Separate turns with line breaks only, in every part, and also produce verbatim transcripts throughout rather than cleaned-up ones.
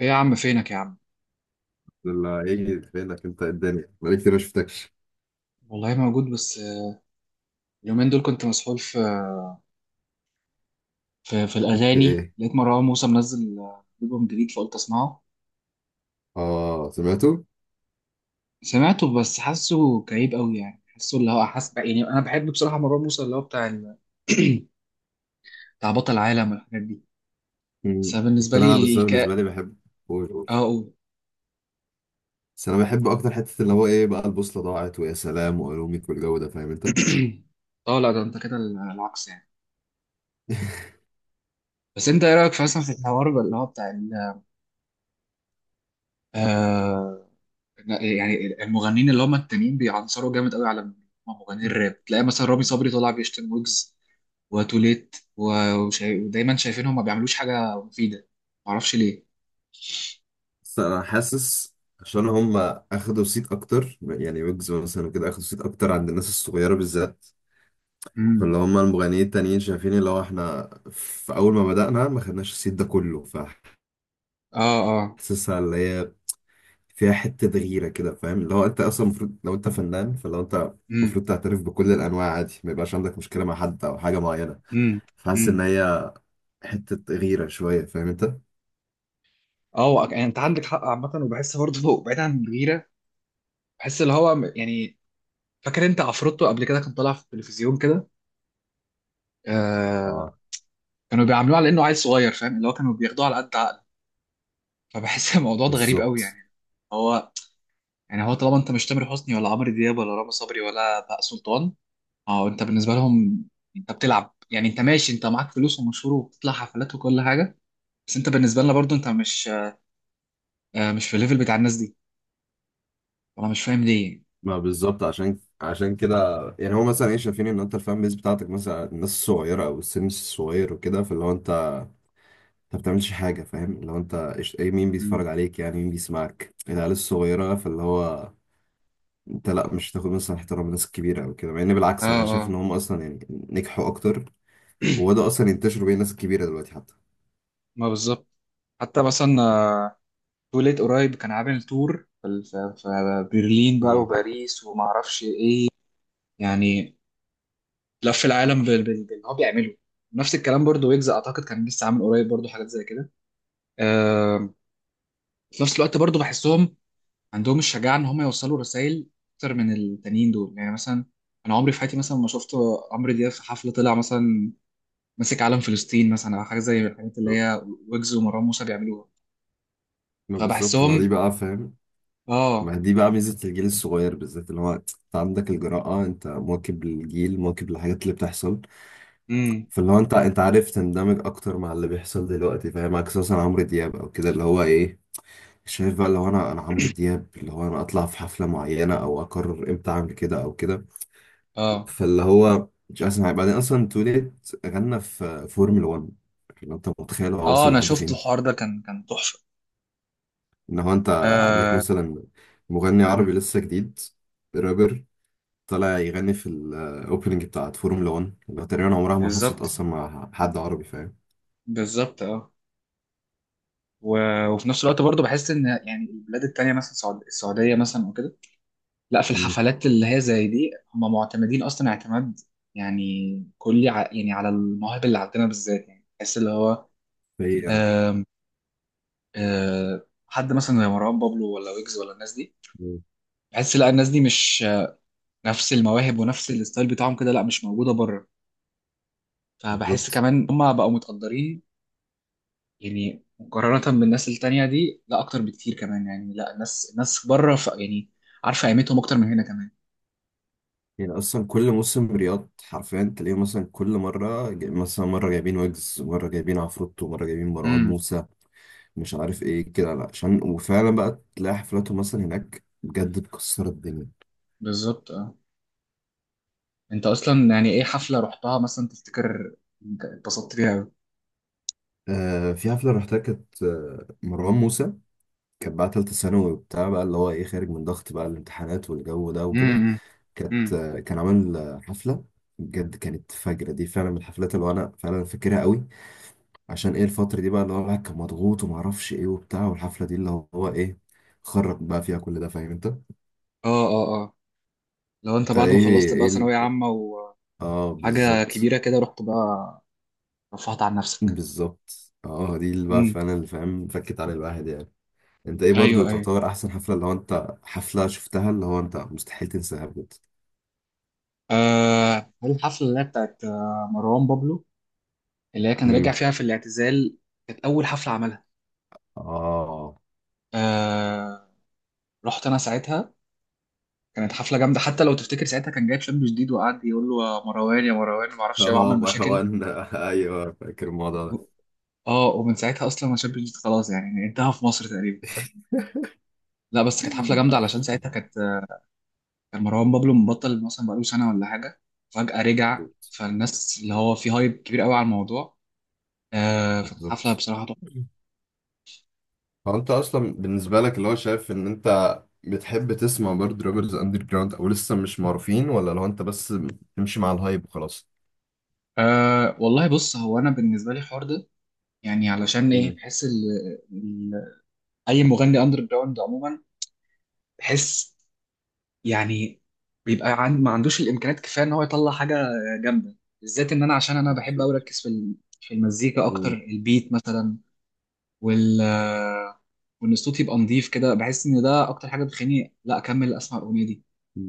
ايه يا عم، فينك يا عم؟
اللي هيجي فينك انت؟ الدنيا بقالي كتير ما شفتكش.
والله موجود بس آه، اليومين دول كنت مسحول في في, في
في
الاغاني.
ايه؟
لقيت مروان موسى منزل آه، البوم جديد، فقلت اسمعه.
اه، سمعته.
سمعته بس حاسه كئيب قوي، يعني حاسه اللي هو حاسس. يعني انا بحب بصراحه مروان موسى اللي هو بتاع ال... بتاع بطل العالم والحاجات دي. بس
مم.
أنا
كنت
بالنسبه
انا
لي
بس انا
الكاء.
بالنسبه لي بحب. قول قول.
اه، أقول.
بس انا بحب اكتر حته اللي هو ايه بقى البوصله ضاعت، ويا سلام والومك والجو ده، فاهم انت؟
اه لا، ده انت كده العكس يعني. بس انت ايه رايك في- مثلا في الحوار اللي هو بتاع ال... آه، لا، يعني المغنيين اللي هم التانيين بيعنصروا جامد قوي على مغنيين الراب. تلاقي مثلا رامي صبري طلع بيشتم، ويجز وتوليت و- وشا- ودايما شايفينهم ما بيعملوش حاجه مفيده، معرفش ليه.
بس انا حاسس عشان هم اخدوا صيت اكتر، يعني ويجز مثلا وكده اخدوا صيت اكتر عند الناس الصغيره بالذات.
امم.
فاللي هم المغنيين التانيين شايفين اللي هو احنا في اول ما بدأنا ما خدناش الصيت ده كله.
اه اه.
فحاسسها اللي هي فيها حتة غيرة كده، فاهم اللي هو انت اصلا المفروض لو انت فنان، فلو انت
امم
المفروض تعترف بكل الانواع عادي، ما يبقاش عندك مشكلة مع حد او حاجة معينة.
امم
فحاسس
امم.
ان هي حتة غيرة شوية، فاهم انت؟
اه، وأك- يعني انت عندك حق عامه، وبحس برضه بعيد عن الغيره. بحس اللي هو م- يعني فاكر انت عفروتو قبل كده كان طالع في التلفزيون كده. آه
اه
كانوا بيعاملوه على انه عيل صغير، فاهم اللي هو كانوا بياخدوه على قد عقله. فبحس الموضوع ده غريب قوي
بالظبط.
يعني. هو يعني هو طالما انت مش تامر حسني، ولا عمرو دياب، ولا رامي صبري، ولا بهاء سلطان، اه، انت بالنسبه لهم انت بتلعب. يعني انت ماشي، انت معاك فلوس ومشهور وبتطلع حفلات وكل حاجه، بس انت بالنسبه لنا برضو انت مش آه مش في الليفل بتاع الناس دي. انا مش فاهم ليه.
ما بالظبط، عشان عشان كده. يعني هو مثلا ايه شايفين ان انت الفان بيز بتاعتك مثلا الناس الصغيره او السن الصغير وكده، فاللي هو انت انت ما بتعملش حاجه، فاهم اللي هو انت إيش- ايه، مين
مم.
بيتفرج عليك؟ يعني مين بيسمعك؟ العيال الصغيره. فاللي هو انت لا مش هتاخد مثلا احترام الناس الكبيره او كده، مع ان بالعكس
اه
انا
اه.
شايف ان هم اصلا يعني نجحوا اكتر، وبدأوا اصلا ينتشروا بين الناس الكبيره دلوقتي حتى.
ما بالظبط. حتى مثلا آه، توليت قريب كان عامل تور في في- في برلين بقى،
مم.
وباريس، وما اعرفش ايه. يعني لف العالم بال- بال- باللي هو بيعمله. نفس الكلام برضو، ويجز اعتقد كان لسه عامل قريب برضو حاجات زي كده. آه، في نفس الوقت برضو بحسهم عندهم الشجاعة إن هم يوصلوا رسائل أكتر من التانيين دول. يعني مثلا أنا عمري في حياتي مثلا ما شفت عمرو دياب في حفلة طلع مثلا ماسك علم فلسطين مثلا، أو حاجة زي الحاجات اللي
بالظبط.
هي ويجز ومروان موسى بيعملوها.
ما بالظبط. ما دي
فبحسهم.
بقى فاهم
آه.
ما دي بقى ميزه الجيل الصغير بالذات، اللي هو انت عندك الجراءه، انت مواكب للجيل، مواكب للحاجات اللي بتحصل.
امم.
فاللي هو انت انت عارف تندمج اكتر مع اللي بيحصل دلوقتي، فاهم عكس مثلا عمرو دياب او كده، اللي هو ايه شايف بقى. لو انا انا عمرو دياب اللي هو انا اطلع في حفله معينه، او اقرر امتى اعمل كده او كده،
آه
فاللي هو مش احسن حاجه. بعدين اصلا توليت غنى في فورمولا 1. لو انت متخيل هو
آه.
وصل
أنا
لحد
شفت
فين؟
الحوار ده كان كان تحفة.
ان هو انت عندك
آه.
مثلا مغني عربي
مم،
لسه جديد، رابر، طالع يغني في الاوبننج بتاعت فورمولا 1، اللي تقريبا عمرها ما حصلت
بالظبط
اصلا مع حد عربي، فاهم.
بالظبط. آه و- وفي نفس الوقت برضو بحس إن يعني البلاد التانية، مثلا السعود- السعودية مثلا وكده، لا، في
مم.
الحفلات اللي هي زي دي هم معتمدين اصلا اعتماد، يعني كلي ع... يعني على المواهب اللي عندنا بالذات. يعني تحس اللي هو
فهي يعني.
آم، آه، حد مثلا زي مروان بابلو ولا ويجز ولا الناس دي،
مم.
بحس لا، الناس دي مش آه، نفس المواهب ونفس الستايل بتاعهم كده، لا مش موجودة بره. فبحس
بالظبط.
كمان هم بقوا متقدرين، يعني مقارنة بالناس التانية دي، لا اكتر بكتير كمان، يعني لا، الناس الناس بره ف... يعني عارفة قيمتهم اكتر من هنا كمان.
يعني اصلا كل موسم رياض حرفيا تلاقيه، مثلا كل مره جاي- مثلا مره جايبين ويجز، مره جايبين عفروتو، مره جايبين مروان
امم.
موسى، مش عارف ايه كده، لا عشان وفعلا بقى تلاقي حفلاتهم مثلا هناك بجد بتكسر الدنيا.
بالظبط اه. انت اصلا يعني ايه حفله رحتها مثلا تفتكر انت اتبسطت فيها قوي؟
آه، في حفلة رحتها كانت آه، مروان موسى. كانت بقى تالتة ثانوي وبتاع بقى، اللي هو ايه خارج من ضغط بقى الامتحانات والجو ده وكده.
امم
كانت
امم.
آه، كان عامل آه، حفلة بجد. كانت فجرة، دي فعلا من الحفلات اللي انا فعلا فاكرها قوي. عشان ايه الفترة دي بقى اللي هو الواحد كان مضغوط ومعرفش ايه وبتاع، والحفلة دي اللي هو هو ايه خرج بقى فيها كل ده، فاهم انت؟
اه اه اه. لو انت
انت
بعد ما
ايه
خلصت بقى
ايه ال-
ثانويه عامه
اه
وحاجه
بالظبط.
كبيره كده، رحت بقى رفعت عن نفسك.
بالظبط اه، دي اللي بقى
امم.
فعلا اللي فاهم فكت على الواحد يعني. انت ايه برضو
ايوه ايوه.
تعتبر احسن حفلة اللي هو انت حفلة شفتها اللي هو انت مستحيل تنساها بجد؟
آه هل الحفله اللي هي بتاعت آه، مروان بابلو اللي هي كان راجع
امم.
فيها في الاعتزال، كانت اول حفله عملها.
اه
آه رحت انا ساعتها. كانت حفله جامده، حتى لو تفتكر ساعتها كان جايب شاب جديد وقعد يقول له يا مروان يا مروان ما اعرفش ايه وعمل
اه،
مشاكل.
مروان. ايوه، فاكر الموضوع ده.
اه، ومن ساعتها اصلا ما شابت، خلاص يعني انتهى في مصر تقريبا. لا بس كانت حفله جامده علشان ساعتها كانت كان مروان بابلو مبطل مثلا بقاله سنه ولا حاجه، فجاه رجع،
بالظبط.
فالناس اللي هو في هايب كبير قوي على الموضوع. آه فكانت حفله
بالظبط.
بصراحه تحفه.
هو انت اصلا بالنسبة لك اللي هو شايف ان انت بتحب تسمع برضه رابرز اندر جراوند او لسه مش معروفين، ولا لو انت بس تمشي مع الهايب وخلاص؟
آه والله بص، هو انا بالنسبه لي الحوار ده يعني علشان ايه،
امم.
بحس ال ال اي مغني اندر جراوند عموما بحس يعني بيبقى عن ما عندوش الامكانيات كفايه ان هو يطلع حاجه جامده. بالذات ان انا، عشان انا بحب قوي
بالظبط.
اركز في ال- في المزيكا اكتر،
مم.
البيت مثلا، وال وان الصوت يبقى نظيف كده. بحس ان ده اكتر حاجه بتخليني لا اكمل اسمع الاغنيه دي،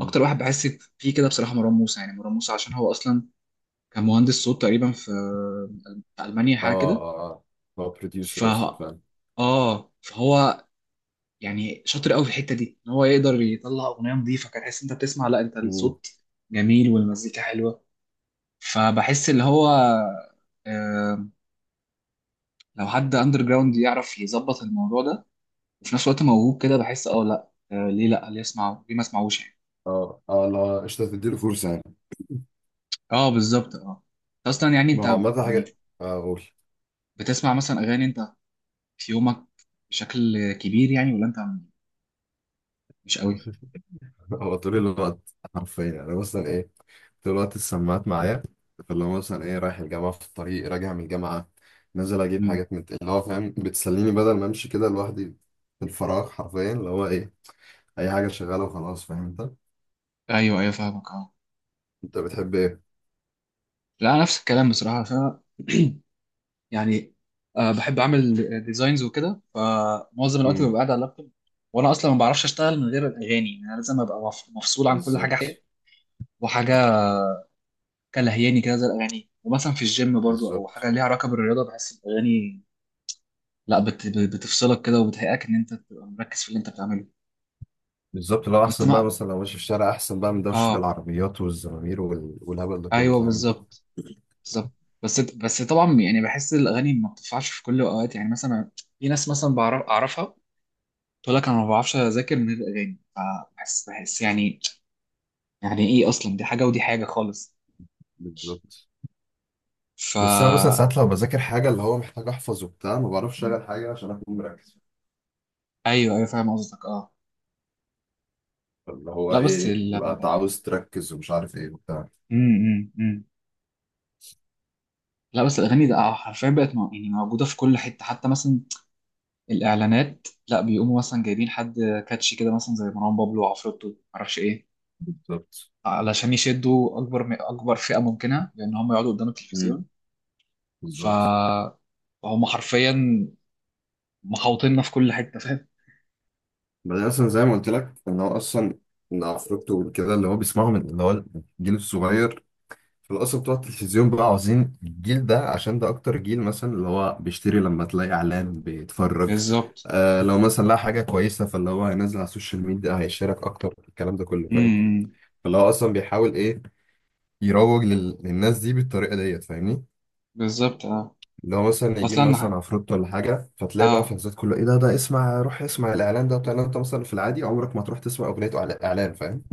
اكتر واحد بحس فيه كده بصراحه مروان موسى. يعني مروان موسى عشان هو اصلا كان مهندس صوت تقريبا في في المانيا حاجه
اه
كده.
اه اه، هو
ف
بروديوسر اصلا فعلا.
اه فهو يعني شاطر قوي في الحته دي، ان هو يقدر يطلع اغنيه نظيفه، كان تحس انت بتسمع، لا انت
مم.
الصوت جميل والمزيكا حلوه. فبحس اللي هو آه، لو حد اندر جراوند يعرف يظبط الموضوع ده وفي نفس الوقت موهوب كده، بحس اه لا، آه ليه، لا، ليه اسمعه؟ ليه ما اسمعوش يعني؟
اه اه، لا قشطة، تديله فرصة يعني.
اه بالظبط اه. اصلا يعني انت
ما هو عامة
يعني
حاجة. آه، اقول.
بتسمع مثلا اغاني انت في يومك بشكل كبير يعني، ولا انت مش قوي؟
هو طول الوقت حرفيا، يعني انا مثلا ايه طول الوقت السماعات معايا. فاللي هو مثلا ايه رايح الجامعة، في الطريق راجع من الجامعة، نازل اجيب
مم.
حاجات من اللي هو فاهم، بتسليني بدل ما امشي كده لوحدي. في الفراغ حرفيا اللي هو ايه اي حاجة شغالة وخلاص، فاهم انت.
ايوه ايوه فاهمك اه.
انت بتحب ايه؟
لا، نفس الكلام بصراحه ف يعني آه بحب اعمل ديزاينز وكده، فمعظم الوقت
مم.
ببقى قاعد على اللابتوب، وانا اصلا ما بعرفش اشتغل من غير الاغاني، يعني انا لازم ابقى مف- مفصول عن كل حاجه
بالظبط.
حقيقية وحاجه كلهياني كده زي الاغاني. ومثلا في الجيم برضو او
بالظبط.
حاجه ليها علاقه بالرياضه، بحس الاغاني لا بت... بتفصلك كده وبتهيئك ان انت تبقى مركز في اللي انت بتعمله.
بالظبط، لو
بس
احسن بقى
ما
مثلا لو ماشي في الشارع احسن بقى من دوشه
اه
العربيات والزمامير وال- والهبل ده كله،
ايوه
فاهم انت؟
بالظبط بالظبط. بس بس طبعا يعني بحس الاغاني ما بتنفعش في كل الاوقات، يعني مثلا في ناس مثلا بعرف اعرفها تقول لك انا ما بعرفش اذاكر من غير الاغاني، فبحس بحس يعني يعني ايه، اصلا دي حاجه ودي حاجه خالص
بالظبط. بس انا مثلا
فا
ساعات لو بذاكر حاجه اللي هو محتاج احفظ وبتاع، ما بعرفش اشغل حاجه عشان اكون مركز.
ايوه ايوه فاهم قصدك اه.
اللي هو
لا، بس
ايه
ال...
تبقى انت عاوز تركز ومش عارف ايه وبتاع.
م -م -م. لا بس الاغاني ده آه، حرفيا بقت مو- يعني موجوده في كل حته، حتى مثلا الاعلانات لا بيقوموا مثلا جايبين حد كاتشي كده مثلا زي مروان بابلو وعفروتو، معرفش ايه،
بالظبط.
علشان يشدوا اكبر م- اكبر فئه ممكنه، لان هم يقعدوا قدام
امم.
التلفزيون.
بالظبط.
فهم حرفيا محاوطيننا في كل حته، فاهم؟
بعدين اصلا زي ما قلت لك ان هو اصلا ان افريقيا وكده اللي هو بيسمعهم اللي هو الجيل الصغير، احنا اصلا بتوع التلفزيون بقى عاوزين الجيل ده عشان ده اكتر جيل مثلا اللي هو بيشتري، لما تلاقي اعلان بيتفرج.
بالظبط.
آه لو مثلا لقى حاجه كويسه، فاللي هو هينزل على السوشيال ميديا، هيشارك اكتر، الكلام ده كله فاهم.
امم.
فاللي هو اصلا بيحاول ايه يروج لل... للناس دي بالطريقه ديت، فاهمني.
بالظبط اه.
اللي هو مثلا يجيب
اصلا
مثلا عفروت ولا حاجه، فتلاقي بقى
اه.
فانزات كله ايه ده، ده اسمع، روح اسمع الاعلان ده بتاع، انت مثلا في العادي عمرك ما تروح تسمع اغنيه إعلا- اعلان، فاهم.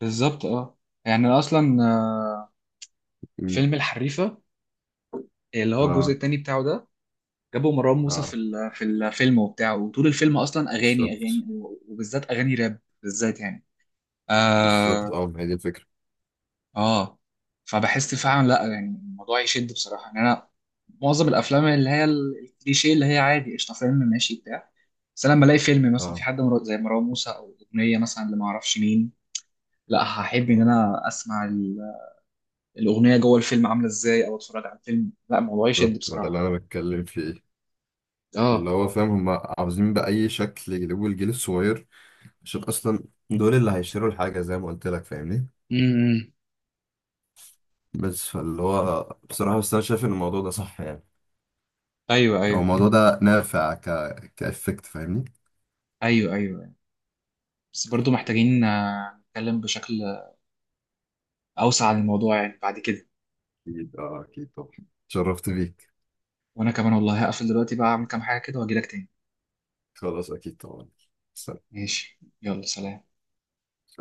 بالظبط اه. يعني أنا اصلا آه،
مم.
فيلم الحريفه اللي هو الجزء
اه
التاني بتاعه ده، جابوا مروان موسى في
اه.
ال- في الفيلم وبتاعه، وطول الفيلم اصلا اغاني
بالظبط.
اغاني، وبالذات اغاني راب بالذات يعني.
بالظبط
اه
اه، ما هي دي الفكره.
آه. فبحس فعلا لا، يعني الموضوع يشد بصراحه. يعني انا معظم الافلام اللي هي ال- الكليشيه، اللي هي عادي قشطه فيلم ماشي بتاع، بس انا لما الاقي فيلم مثلا في
اه
حد مر- زي مروان موسى او اغنيه مثلا اللي ما اعرفش مين، لا هحب ان انا اسمع ال- الاغنيه جوه الفيلم عامله ازاي، او اتفرج على الفيلم، لا الموضوع يشد
بالظبط، ما ده اللي
بصراحه
انا بتكلم فيه. فاللي
اه.
هو فاهم هم عاوزين بأي شكل يجيبوا الجيل الصغير، عشان اصلا دول اللي هيشتروا الحاجة زي ما قلت لك، فاهمني.
امم.
بس فاللي هو بصراحة، بس انا شايف ان الموضوع ده صح يعني.
ايوه
هو
ايوه.
الموضوع ده نافع ك كإفكت، فاهمني.
ايوه ايوه. بس برضو محتاجين آه، نتكلم بشكل اوسع عن الموضوع يعني بعد كده.
اكيد اه، اكيد طبعا. اتشرفت بيك.
وانا كمان والله هقفل دلوقتي بقى، اعمل كام حاجه كده واجي لك تاني.
خلاص، اكيد طبعا.
ماشي يلا سلام.